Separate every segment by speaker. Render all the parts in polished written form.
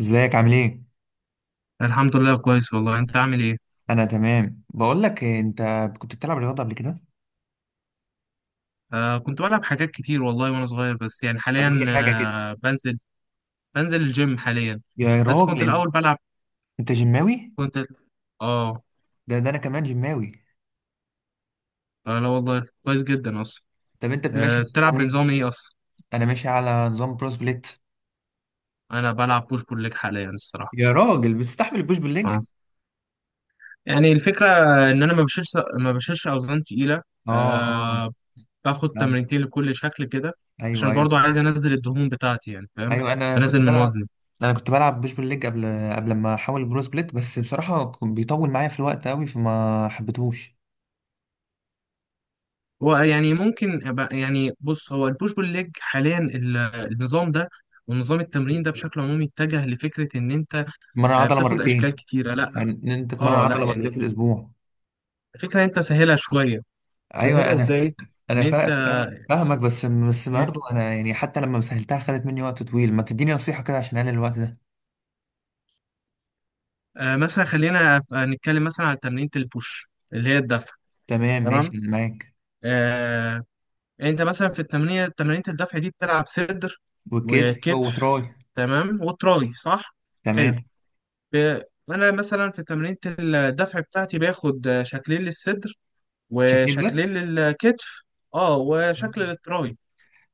Speaker 1: ازيك عامل ايه؟
Speaker 2: الحمد لله كويس والله. انت عامل ايه؟
Speaker 1: انا تمام، بقول لك إيه، انت كنت بتلعب رياضه قبل كده؟
Speaker 2: كنت بلعب حاجات كتير والله وانا صغير، بس يعني
Speaker 1: ما تقول لي
Speaker 2: حاليا
Speaker 1: حاجه كده.
Speaker 2: بنزل الجيم حاليا.
Speaker 1: يا
Speaker 2: بس
Speaker 1: راجل
Speaker 2: كنت
Speaker 1: انت.
Speaker 2: الاول بلعب.
Speaker 1: أنت جماوي؟
Speaker 2: كنت اه
Speaker 1: ده انا كمان جماوي.
Speaker 2: لا والله، كويس جدا اصلا.
Speaker 1: طب انت ماشي على
Speaker 2: بتلعب
Speaker 1: نظام ايه؟
Speaker 2: بنظام ايه اصلا؟
Speaker 1: انا ماشي على نظام برو سبليت.
Speaker 2: انا بلعب بوش بول ليج حاليا الصراحه.
Speaker 1: يا راجل بتستحمل البوش بالليج؟
Speaker 2: اه يعني الفكره ان انا ما بشيلش اوزان تقيله.
Speaker 1: اه، اه.
Speaker 2: آه باخد
Speaker 1: فهمت.
Speaker 2: تمرينتين لكل شكل كده،
Speaker 1: ايوه،
Speaker 2: عشان
Speaker 1: ايوه.
Speaker 2: برضو عايز انزل الدهون بتاعتي، يعني فاهم،
Speaker 1: ايوه انا
Speaker 2: انزل
Speaker 1: كنت
Speaker 2: من
Speaker 1: بلعب.
Speaker 2: وزني.
Speaker 1: انا كنت بلعب بوش بالليج قبل، قبل ما احول برو سبليت، بس بصراحه كان بيطول معايا في الوقت قوي فما حبيتهوش.
Speaker 2: هو يعني يعني بص، هو البوش بول ليج حاليا النظام ده ونظام التمرين ده بشكل عمومي اتجه لفكرة ان انت
Speaker 1: مرة عضله
Speaker 2: بتاخد اشكال
Speaker 1: مرتين،
Speaker 2: كتيرة. لا.
Speaker 1: يعني ان انت تتمرن
Speaker 2: اه لا
Speaker 1: عضله مرتين في
Speaker 2: يعني،
Speaker 1: الاسبوع.
Speaker 2: فكرة انت سهلها شوية.
Speaker 1: ايوه
Speaker 2: سهلها
Speaker 1: انا،
Speaker 2: ازاي؟ ان
Speaker 1: انا
Speaker 2: انت
Speaker 1: فاهمك، بس
Speaker 2: إن إنت-
Speaker 1: برضه انا يعني حتى لما سهلتها خدت مني وقت طويل. ما تديني نصيحة كده عشان اقلل الوقت ده.
Speaker 2: آه، مثلا خلينا نتكلم مثلا على تمرينة البوش اللي هي الدفع.
Speaker 1: تمام ماشي
Speaker 2: تمام.
Speaker 1: انا معاك.
Speaker 2: آه انت مثلا في تمرينة الدفع دي بتلعب صدر
Speaker 1: وكتف
Speaker 2: وكتف.
Speaker 1: وتراي.
Speaker 2: تمام وتراي صح. حلو.
Speaker 1: تمام.
Speaker 2: ب... انا مثلا في تمرينة الدفع بتاعتي باخد شكلين للصدر
Speaker 1: شكلين
Speaker 2: وشكلين
Speaker 1: بس؟
Speaker 2: للكتف. اه وشكل للتراي،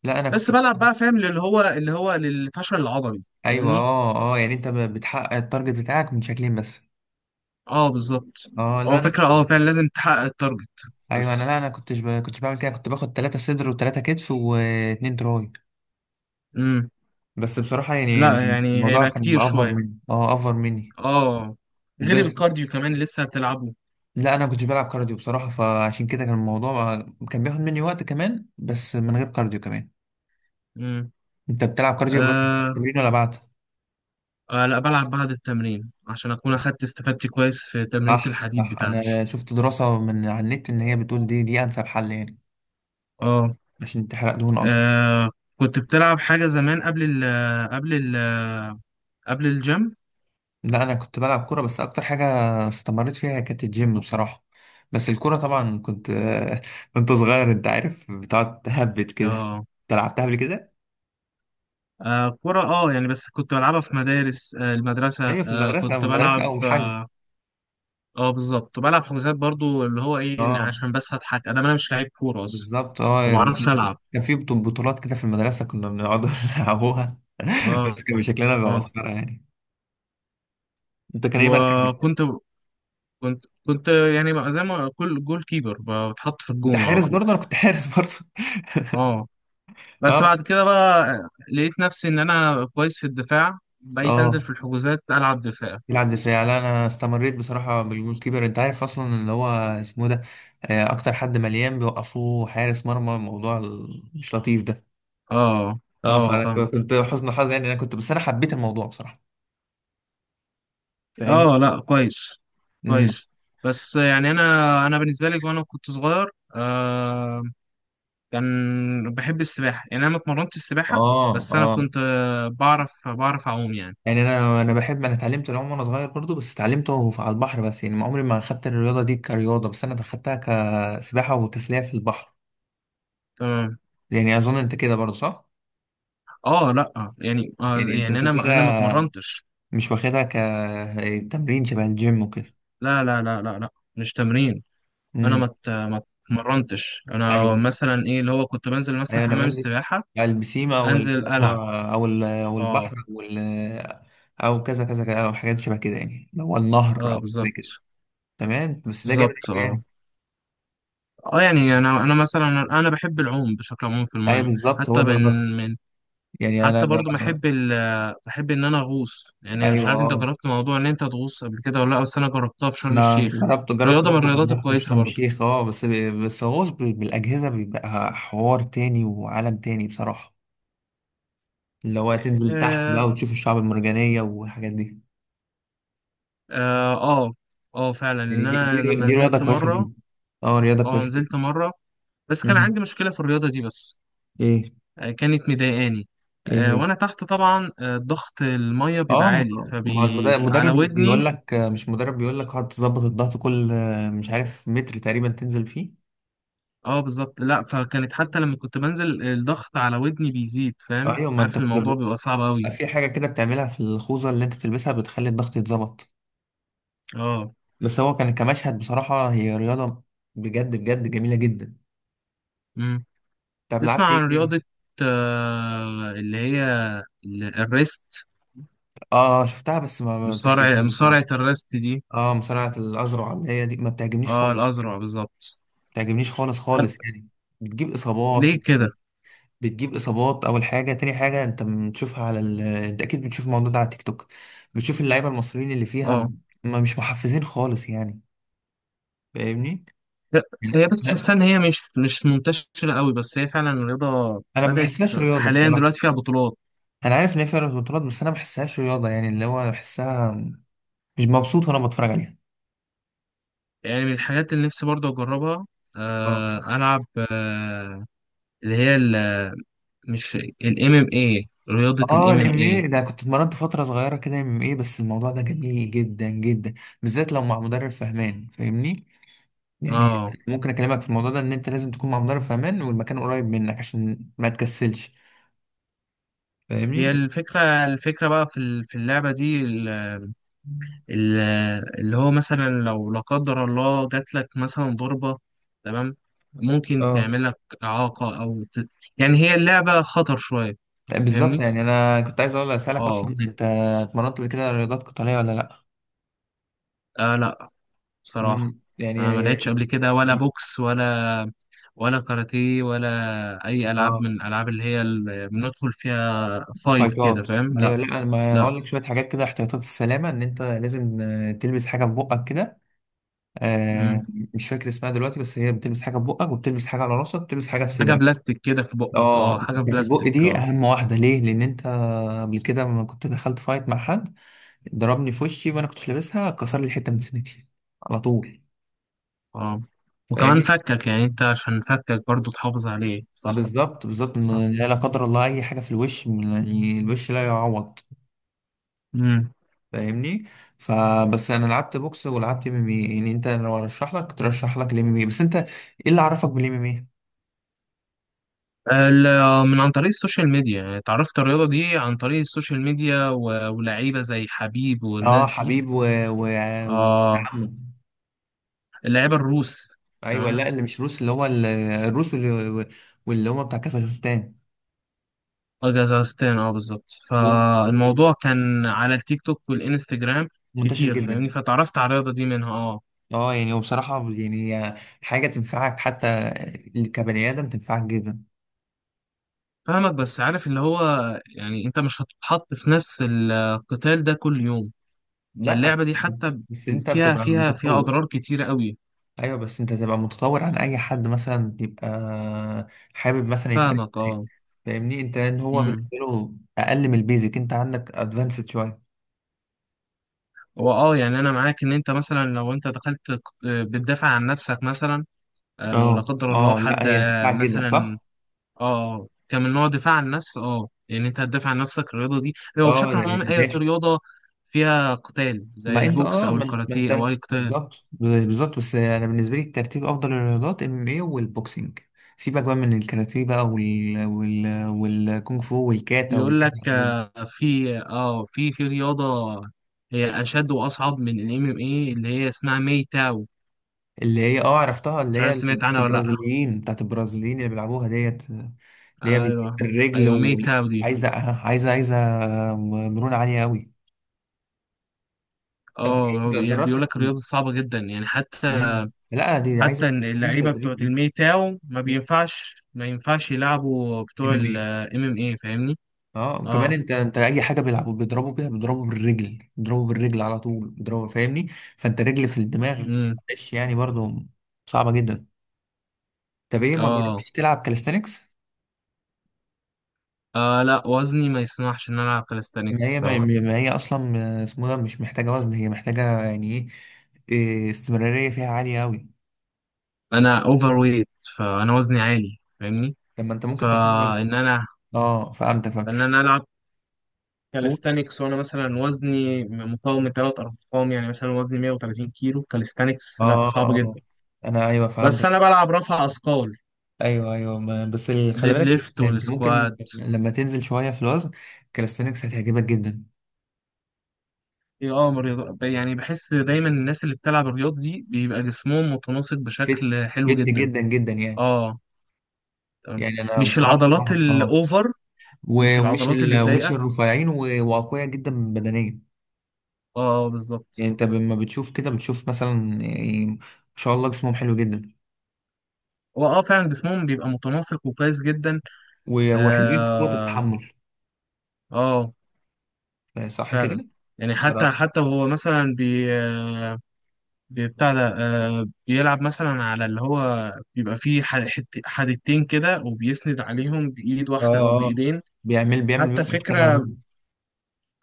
Speaker 1: لا انا
Speaker 2: بس
Speaker 1: كنت
Speaker 2: بلعب بقى، فاهم، اللي هو للفشل العضلي.
Speaker 1: ايوه،
Speaker 2: فاهمني؟
Speaker 1: اه، اه، يعني انت بتحقق التارجت بتاعك من شكلين بس؟
Speaker 2: اه بالظبط.
Speaker 1: اه، لا
Speaker 2: هو
Speaker 1: انا كنت.
Speaker 2: فكرة فعلا لازم تحقق التارجت
Speaker 1: ايوه انا،
Speaker 2: بس.
Speaker 1: لا انا كنتش بعمل كده، كنت باخد 3 صدر و3 كتف و2 تراي.
Speaker 2: امم
Speaker 1: بس بصراحة يعني
Speaker 2: لا يعني
Speaker 1: الموضوع
Speaker 2: هيبقى
Speaker 1: كان
Speaker 2: كتير
Speaker 1: افر
Speaker 2: شوية.
Speaker 1: مني اه افر مني
Speaker 2: اه غير
Speaker 1: وبس.
Speaker 2: الكارديو كمان لسه هتلعبه.
Speaker 1: لا انا كنتش بلعب كارديو بصراحه، فعشان كده كان الموضوع كان بياخد مني وقت كمان، بس من غير كارديو كمان.
Speaker 2: امم
Speaker 1: انت بتلعب كارديو بعد
Speaker 2: آه.
Speaker 1: التمرين ولا بعد؟
Speaker 2: لا بلعب بعد التمرين عشان اكون اخدت استفادتي كويس في تمرينة
Speaker 1: صح،
Speaker 2: الحديد
Speaker 1: صح،
Speaker 2: بتاعتي.
Speaker 1: انا شفت دراسه من على النت، ان هي بتقول دي انسب حل يعني
Speaker 2: اه.
Speaker 1: عشان تحرق دهون اكبر.
Speaker 2: آه كنت بتلعب حاجة زمان قبل ال قبل الجيم.
Speaker 1: لا انا كنت بلعب كوره، بس اكتر حاجه استمريت فيها كانت الجيم بصراحه. بس الكوره طبعا كنت كنت صغير، انت عارف بتقعد تهبد كده.
Speaker 2: اه.
Speaker 1: انت لعبتها قبل كده؟
Speaker 2: كرة يعني، بس كنت بلعبها في مدارس، المدرسة،
Speaker 1: ايوه، في المدرسه في
Speaker 2: كنت
Speaker 1: المدرسه
Speaker 2: بلعب
Speaker 1: اول حاجه.
Speaker 2: بالظبط، كنت بلعب حجوزات برضو، اللي هو ايه، إن
Speaker 1: اه
Speaker 2: عشان بس هضحك، انا مش لعيب كورة اصلا.
Speaker 1: بالظبط،
Speaker 2: ما
Speaker 1: يعني
Speaker 2: بعرفش العب
Speaker 1: كان في بطولات كده في المدرسة، كنا بنقعد نلعبوها.
Speaker 2: اه
Speaker 1: بس كان شكلنا بيبقى
Speaker 2: اه
Speaker 1: مسخرة يعني. انت كان ايه مركزك؟
Speaker 2: وكنت كنت كنت يعني بقى، زي ما كل جول كيبر، بتحط في
Speaker 1: انت
Speaker 2: الجون على
Speaker 1: حارس
Speaker 2: طول.
Speaker 1: برضه؟ انا كنت حارس برضه
Speaker 2: اه.
Speaker 1: اه
Speaker 2: بس بعد كده بقى لقيت نفسي ان انا كويس في الدفاع، بقيت انزل
Speaker 1: اه،
Speaker 2: في الحجوزات العب دفاع.
Speaker 1: بيلعب
Speaker 2: بس-
Speaker 1: دفاع. لا انا استمريت بصراحة بالجول كيبر. انت عارف اصلا اللي هو اسمه ده، اكتر حد مليان بيوقفوه حارس مرمى، الموضوع مش لطيف ده.
Speaker 2: اه
Speaker 1: اه،
Speaker 2: اه
Speaker 1: فانا
Speaker 2: فاهم.
Speaker 1: كنت حزن حظ يعني، انا كنت، بس انا حبيت الموضوع بصراحة. فاهمني؟
Speaker 2: اه لا، كويس
Speaker 1: امم.
Speaker 2: كويس. بس يعني انا بالنسبه لي وانا كنت صغير، كان بحب السباحه، يعني انا ما اتمرنتش السباحه،
Speaker 1: اه،
Speaker 2: بس انا
Speaker 1: اه،
Speaker 2: كنت بعرف اعوم يعني.
Speaker 1: يعني انا بحب، انا اتعلمت العوم وانا صغير برضو، بس اتعلمته على البحر، بس يعني ما عمري ما خدت الرياضه دي كرياضه، بس انا خدتها كسباحه وتسليه في البحر.
Speaker 2: تمام.
Speaker 1: يعني اظن انت كده برضو صح؟
Speaker 2: اه لا يعني
Speaker 1: يعني انت
Speaker 2: يعني
Speaker 1: مش
Speaker 2: انا ما
Speaker 1: واخدها
Speaker 2: اتمرنتش.
Speaker 1: مش واخدها كتمرين شبه الجيم وكده؟
Speaker 2: لا لا لا لا لا، مش تمرين. انا
Speaker 1: امم.
Speaker 2: ما ات- ما اتمرنتش، انا
Speaker 1: ايوه،
Speaker 2: مثلا ايه، اللي هو كنت بنزل مثلا
Speaker 1: ايوه انا
Speaker 2: حمام
Speaker 1: بنزل
Speaker 2: السباحه،
Speaker 1: على البسيمه
Speaker 2: انزل العب.
Speaker 1: او
Speaker 2: اه.
Speaker 1: البحر او كذا كذا كذا، او حاجات شبه كده، يعني اللي هو النهر
Speaker 2: اه
Speaker 1: او زي كده.
Speaker 2: بالظبط
Speaker 1: تمام، بس ده جامد
Speaker 2: بالظبط
Speaker 1: قوي يعني.
Speaker 2: اه يعني انا مثلا. انا بحب العوم بشكل عام في
Speaker 1: ايوه
Speaker 2: المايه،
Speaker 1: بالظبط هو
Speaker 2: حتى
Speaker 1: ده
Speaker 2: من
Speaker 1: القصد.
Speaker 2: من
Speaker 1: يعني انا،
Speaker 2: حتى برضو بحب ان انا اغوص، يعني مش
Speaker 1: ايوه
Speaker 2: عارف انت
Speaker 1: اه
Speaker 2: جربت موضوع ان انت تغوص قبل كده ولا لا، بس انا جربتها في شرم
Speaker 1: انا
Speaker 2: الشيخ.
Speaker 1: جربت
Speaker 2: رياضه من
Speaker 1: برضه
Speaker 2: الرياضات
Speaker 1: جربت في
Speaker 2: الكويسه
Speaker 1: شرم
Speaker 2: برضو.
Speaker 1: الشيخ، بس. بس غوص بالاجهزه بيبقى حوار تاني وعالم تاني بصراحه، اللي هو تنزل تحت بقى
Speaker 2: اه،
Speaker 1: وتشوف الشعب المرجانيه والحاجات دي.
Speaker 2: اه، اه. فعلا
Speaker 1: يعني
Speaker 2: ان
Speaker 1: دي دي,
Speaker 2: انا
Speaker 1: ري-
Speaker 2: لما
Speaker 1: دي رياضه
Speaker 2: نزلت
Speaker 1: كويسه
Speaker 2: مره.
Speaker 1: جدا. اه رياضه
Speaker 2: اه
Speaker 1: كويسه جدا.
Speaker 2: نزلت مره، بس كان
Speaker 1: مم.
Speaker 2: عندي مشكلة في الرياضة دي بس.
Speaker 1: ايه؟
Speaker 2: كانت مضايقاني.
Speaker 1: ايه هي؟
Speaker 2: وانا تحت طبعا، ضغط المية بيبقى
Speaker 1: اه،
Speaker 2: عالي،
Speaker 1: ما
Speaker 2: فبي على
Speaker 1: المدرب مش بيقول
Speaker 2: ودني.
Speaker 1: لك، مش مدرب، بيقول لك اقعد تظبط الضغط كل مش عارف متر تقريبا تنزل فيه.
Speaker 2: اه بالظبط. لا فكانت، حتى لما كنت بنزل الضغط على ودني بيزيد، فاهم،
Speaker 1: ايوه ما انت
Speaker 2: عارف
Speaker 1: كنت
Speaker 2: الموضوع بيبقى صعب قوي.
Speaker 1: في حاجه كده بتعملها في الخوذه اللي انت بتلبسها بتخلي الضغط يتظبط.
Speaker 2: اه
Speaker 1: بس هو كان كمشهد بصراحة، هي رياضة بجد بجد جميلة جدا.
Speaker 2: امم
Speaker 1: طب لعبت
Speaker 2: تسمع
Speaker 1: ايه
Speaker 2: عن
Speaker 1: تاني؟
Speaker 2: رياضة اللي هي الريست؟
Speaker 1: اه، شفتها، بس ما بتعجبنيش
Speaker 2: مصارعة
Speaker 1: بصراحة.
Speaker 2: الريست دي.
Speaker 1: اه، مصارعة الأزرع اللي هي دي ما بتعجبنيش
Speaker 2: اه
Speaker 1: خالص، ما
Speaker 2: الأزرع بالظبط.
Speaker 1: بتعجبنيش خالص خالص
Speaker 2: أنا-
Speaker 1: يعني. بتجيب إصابات
Speaker 2: ليه
Speaker 1: و...
Speaker 2: كده؟
Speaker 1: بتجيب إصابات أول حاجة، تاني حاجة أنت بتشوفها على أنت أكيد بتشوف الموضوع ده على تيك توك، بتشوف اللعيبة المصريين اللي فيها
Speaker 2: اه
Speaker 1: ما مش محفزين خالص يعني. فاهمني؟
Speaker 2: هي هي بس تحسها
Speaker 1: يعني
Speaker 2: ان هي مش منتشره قوي، بس هي فعلا الرياضه
Speaker 1: أنا ما
Speaker 2: بدات
Speaker 1: بحسهاش رياضة
Speaker 2: حاليا
Speaker 1: بصراحة.
Speaker 2: دلوقتي فيها بطولات.
Speaker 1: انا عارف ان هي فيها بطولات، بس انا ما بحسهاش رياضه، يعني اللي هو بحسها مش مبسوط وانا بتفرج عليها.
Speaker 2: يعني من الحاجات اللي نفسي برضه اجربها،
Speaker 1: اه،
Speaker 2: العب، آه اللي هي ال- مش الام ام اي، رياضه
Speaker 1: اه،
Speaker 2: الام ام
Speaker 1: الام
Speaker 2: اي.
Speaker 1: اي ده كنت اتمرنت فتره صغيره كده ام اي، بس الموضوع ده جميل جدا جدا، بالذات لو مع مدرب فهمان، فاهمني؟ يعني
Speaker 2: اه
Speaker 1: ممكن اكلمك في الموضوع ده، ان انت لازم تكون مع مدرب فهمان والمكان قريب منك عشان ما تكسلش.
Speaker 2: هي
Speaker 1: فاهمني؟
Speaker 2: الفكره، بقى في اللعبه دي ال- اللي هو مثلا لو لا قدر الله جات لك مثلا ضربه، تمام، ممكن
Speaker 1: اه،
Speaker 2: تعمل لك اعاقه يعني هي اللعبه خطر شويه،
Speaker 1: لا، بالظبط،
Speaker 2: فاهمني.
Speaker 1: يعني انا كنت عايز اقول اسالك
Speaker 2: اه
Speaker 1: اصلا، انت اتمرنت قبل كده رياضات قتاليه ولا لا؟
Speaker 2: لا بصراحة
Speaker 1: مم، يعني
Speaker 2: أنا ما لعبتش قبل كده، ولا بوكس، ولا كاراتيه، ولا أي ألعاب
Speaker 1: اه
Speaker 2: من الألعاب اللي بندخل فيها فايت كده،
Speaker 1: فايتات.
Speaker 2: فاهم.
Speaker 1: ما هي
Speaker 2: لا.
Speaker 1: لا، أنا ما
Speaker 2: لا.
Speaker 1: هقول لك شويه حاجات كده، احتياطات السلامه، ان انت لازم تلبس حاجه في بقك كده. آه،
Speaker 2: مم.
Speaker 1: مش فاكر اسمها دلوقتي، بس هي بتلبس حاجه في بقك، وبتلبس حاجه على راسك، وبتلبس حاجه في
Speaker 2: حاجة
Speaker 1: صدرك.
Speaker 2: بلاستيك كده في بقك،
Speaker 1: اه،
Speaker 2: حاجة
Speaker 1: بتاعت البق
Speaker 2: بلاستيك.
Speaker 1: دي
Speaker 2: اه.
Speaker 1: اهم واحده، ليه؟ لان انت قبل كده لما كنت دخلت فايت مع حد، ضربني في وشي وانا كنتش لابسها، كسر لي حته من سنتي على طول.
Speaker 2: اه وكمان
Speaker 1: فاهمني؟
Speaker 2: فكك، يعني أنت عشان فكك برضو تحافظ عليه صح.
Speaker 1: بالظبط بالظبط،
Speaker 2: صح.
Speaker 1: إن لا لا قدر الله اي حاجه في الوش، يعني الوش لا يعوض.
Speaker 2: مم.
Speaker 1: فاهمني؟ فبس انا لعبت بوكس ولعبت ام ام اي، يعني انت لو ارشح لك كنت ارشح لك الام ام اي، بس انت ايه اللي عرفك بالام ام اي؟
Speaker 2: من عن طريق السوشيال ميديا، يعني اتعرفت الرياضة دي عن طريق السوشيال ميديا ولاعيبة زي حبيب
Speaker 1: اه،
Speaker 2: والناس دي.
Speaker 1: حبيب، و، و، و-،
Speaker 2: اه
Speaker 1: عمه.
Speaker 2: اللعيبة الروس.
Speaker 1: ايوه،
Speaker 2: تمام.
Speaker 1: لا، اللي مش روس، اللي هو الروس، واللي واللي هم بتاع كازاخستان.
Speaker 2: جزازتين. اه بالظبط،
Speaker 1: دول
Speaker 2: فالموضوع كان على التيك توك والانستجرام
Speaker 1: منتشر
Speaker 2: كتير،
Speaker 1: جدا.
Speaker 2: فاهمني، فتعرفت على الرياضة دي منها اه.
Speaker 1: اه، يعني وبصراحة يعني هي حاجة تنفعك، حتى كبني آدم تنفعك جدا.
Speaker 2: فاهمك، بس عارف اللي هو، يعني انت مش هتتحط في نفس القتال ده كل يوم،
Speaker 1: لا
Speaker 2: فاللعبة
Speaker 1: بس،
Speaker 2: دي حتى
Speaker 1: بس انت
Speaker 2: فيها
Speaker 1: بتبقى
Speaker 2: فيها فيها
Speaker 1: متطور.
Speaker 2: اضرار كتيرة قوي.
Speaker 1: ايوه بس انت تبقى متطور عن اي حد مثلا يبقى حابب مثلا يتعرف
Speaker 2: فاهمك.
Speaker 1: معاك.
Speaker 2: اه
Speaker 1: فاهمني انت، ان هو
Speaker 2: امم
Speaker 1: بالنسبه له اقل من البيزك، انت عندك ادفانسد شويه.
Speaker 2: هو يعني انا معاك، ان انت مثلا لو انت دخلت ق- آه، بتدافع عن نفسك مثلا، لا
Speaker 1: اه،
Speaker 2: قدر الله
Speaker 1: اه، لا،
Speaker 2: حد
Speaker 1: هي هتنفعك جدا
Speaker 2: مثلا،
Speaker 1: صح.
Speaker 2: اه كان من نوع دفاع عن النفس. اه يعني انت هتدافع عن نفسك، الرياضه دي هو
Speaker 1: اه،
Speaker 2: بشكل
Speaker 1: ده
Speaker 2: عام اي
Speaker 1: ماشي.
Speaker 2: رياضه فيها قتال زي
Speaker 1: ما انت
Speaker 2: البوكس او الكاراتيه او اي قتال.
Speaker 1: بالظبط بالظبط، بس انا بالنسبه لي الترتيب افضل الرياضات ام ام اي والبوكسنج. سيبك بقى من الكاراتيه بقى والكونغ فو والكاتا
Speaker 2: بيقول لك
Speaker 1: والحاجات
Speaker 2: آه، في اه في في رياضه هي اشد واصعب من الام ام اي، اللي هي اسمها ماي تاو،
Speaker 1: اللي هي، عرفتها، اللي
Speaker 2: مش
Speaker 1: هي
Speaker 2: عارف
Speaker 1: بتاعت
Speaker 2: سمعت عنها ولا لا.
Speaker 1: البرازيليين بتاعت البرازيليين اللي بيلعبوها ديت، اللي هي بتجيب
Speaker 2: ايوه،
Speaker 1: الرجل
Speaker 2: ايوه، ماي تاو دي.
Speaker 1: وعايزة عايزة مرونة عالية قوي. طب إيه،
Speaker 2: اه هو بيقول
Speaker 1: جربت؟
Speaker 2: لك الرياضه صعبه جدا يعني، حتى
Speaker 1: مم. لا دي عايزة
Speaker 2: حتى
Speaker 1: ست
Speaker 2: إن
Speaker 1: سنين
Speaker 2: اللعيبه
Speaker 1: تدريب
Speaker 2: بتوعت
Speaker 1: دي.
Speaker 2: الماي تاو ما بينفعش ما ينفعش يلعبوا
Speaker 1: ام
Speaker 2: بتوع
Speaker 1: ام ايه.
Speaker 2: الام ام اي، فاهمني.
Speaker 1: اه وكمان
Speaker 2: اه
Speaker 1: انت اي حاجه بيلعبوا بيضربوا بيها، بيضربوا بالرجل، بيضربوا بالرجل على طول بيضربوا، فاهمني؟ فانت رجل في الدماغ.
Speaker 2: امم
Speaker 1: معلش، يعني برضو صعبه جدا. طب ايه ما
Speaker 2: اه
Speaker 1: جربتش تلعب كاليستانكس؟
Speaker 2: لا وزني ما يسمحش ان انا العب
Speaker 1: ما
Speaker 2: كاليستانكس
Speaker 1: هي ما
Speaker 2: بصراحه،
Speaker 1: ما هي اصلا اسمه ده، مش محتاجه وزن، هي محتاجه يعني ايه، إيه، استمراريه فيها عاليه قوي.
Speaker 2: انا اوفر ويت، فانا وزني عالي، فاهمني.
Speaker 1: طب ما انت ممكن تاخدها.
Speaker 2: فان انا
Speaker 1: اه فهمتك، فهمت.
Speaker 2: ان انا العب
Speaker 1: قول.
Speaker 2: كاليستانكس وانا مثلا وزني مقاوم من ثلاث ارقام، يعني مثلا وزني 130 كيلو، كاليستانكس لا،
Speaker 1: اه،
Speaker 2: صعب
Speaker 1: اه،
Speaker 2: جدا.
Speaker 1: انا ايوه
Speaker 2: بس
Speaker 1: فهمتك.
Speaker 2: انا بلعب رفع اثقال
Speaker 1: ايوه، ايوه، ما بس خلي
Speaker 2: ديد
Speaker 1: بالك
Speaker 2: ليفت
Speaker 1: انت ممكن
Speaker 2: والسكواد.
Speaker 1: لما تنزل شويه في الوزن كالستنكس هتعجبك جدا.
Speaker 2: إيه، يعني بحس دايما الناس اللي بتلعب الرياض دي بيبقى جسمهم متناسق
Speaker 1: فت،
Speaker 2: بشكل حلو
Speaker 1: فت
Speaker 2: جدا.
Speaker 1: جدا جدا يعني.
Speaker 2: اه تمام.
Speaker 1: يعني انا
Speaker 2: مش
Speaker 1: بصراحه،
Speaker 2: العضلات
Speaker 1: اه،
Speaker 2: الاوفر، مش
Speaker 1: ومش
Speaker 2: العضلات اللي
Speaker 1: ومش
Speaker 2: اتضايقه.
Speaker 1: الرفيعين واقوياء جدا بدنيا.
Speaker 2: اه بالظبط.
Speaker 1: يعني انت لما بتشوف كده بتشوف مثلا، يعني ما شاء الله، جسمهم حلو جدا.
Speaker 2: هو فعلا جسمهم بيبقى متناسق وكويس جدا.
Speaker 1: وحلوين في قوة
Speaker 2: اه،
Speaker 1: التحمل،
Speaker 2: اه،
Speaker 1: صح كده؟
Speaker 2: فعلا. يعني
Speaker 1: ده
Speaker 2: حتى
Speaker 1: رأيك؟
Speaker 2: حتى وهو مثلا بتاع ده، بيلعب مثلا على اللي هو بيبقى فيه حدتين كده، وبيسند عليهم بإيد واحدة أو
Speaker 1: اه، اه،
Speaker 2: بإيدين.
Speaker 1: بيعمل
Speaker 2: حتى
Speaker 1: بيبقى اشكال
Speaker 2: فكرة،
Speaker 1: رهيب.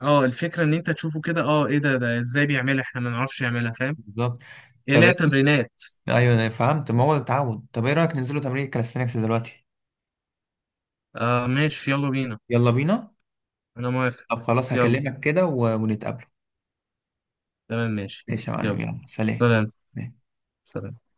Speaker 2: اه الفكرة إن أنت تشوفه كده، اه إيه ده إزاي بيعملها، إحنا ما نعرفش يعملها، فاهم؟
Speaker 1: بالظبط.
Speaker 2: إيه
Speaker 1: طب
Speaker 2: لها
Speaker 1: ايه،
Speaker 2: تمرينات.
Speaker 1: ايوه انا فهمت ما هو التعود. طب ايه رأيك ننزلوا تمرين الكاليستانكس دلوقتي؟
Speaker 2: ماشي، يلا بينا.
Speaker 1: يلا بينا.
Speaker 2: أنا موافق.
Speaker 1: طب خلاص،
Speaker 2: يلا
Speaker 1: هكلمك كده ونتقابلوا.
Speaker 2: تمام ماشي.
Speaker 1: ماشي يا معلم،
Speaker 2: يلا
Speaker 1: يلا سلام.
Speaker 2: سلام. سلام.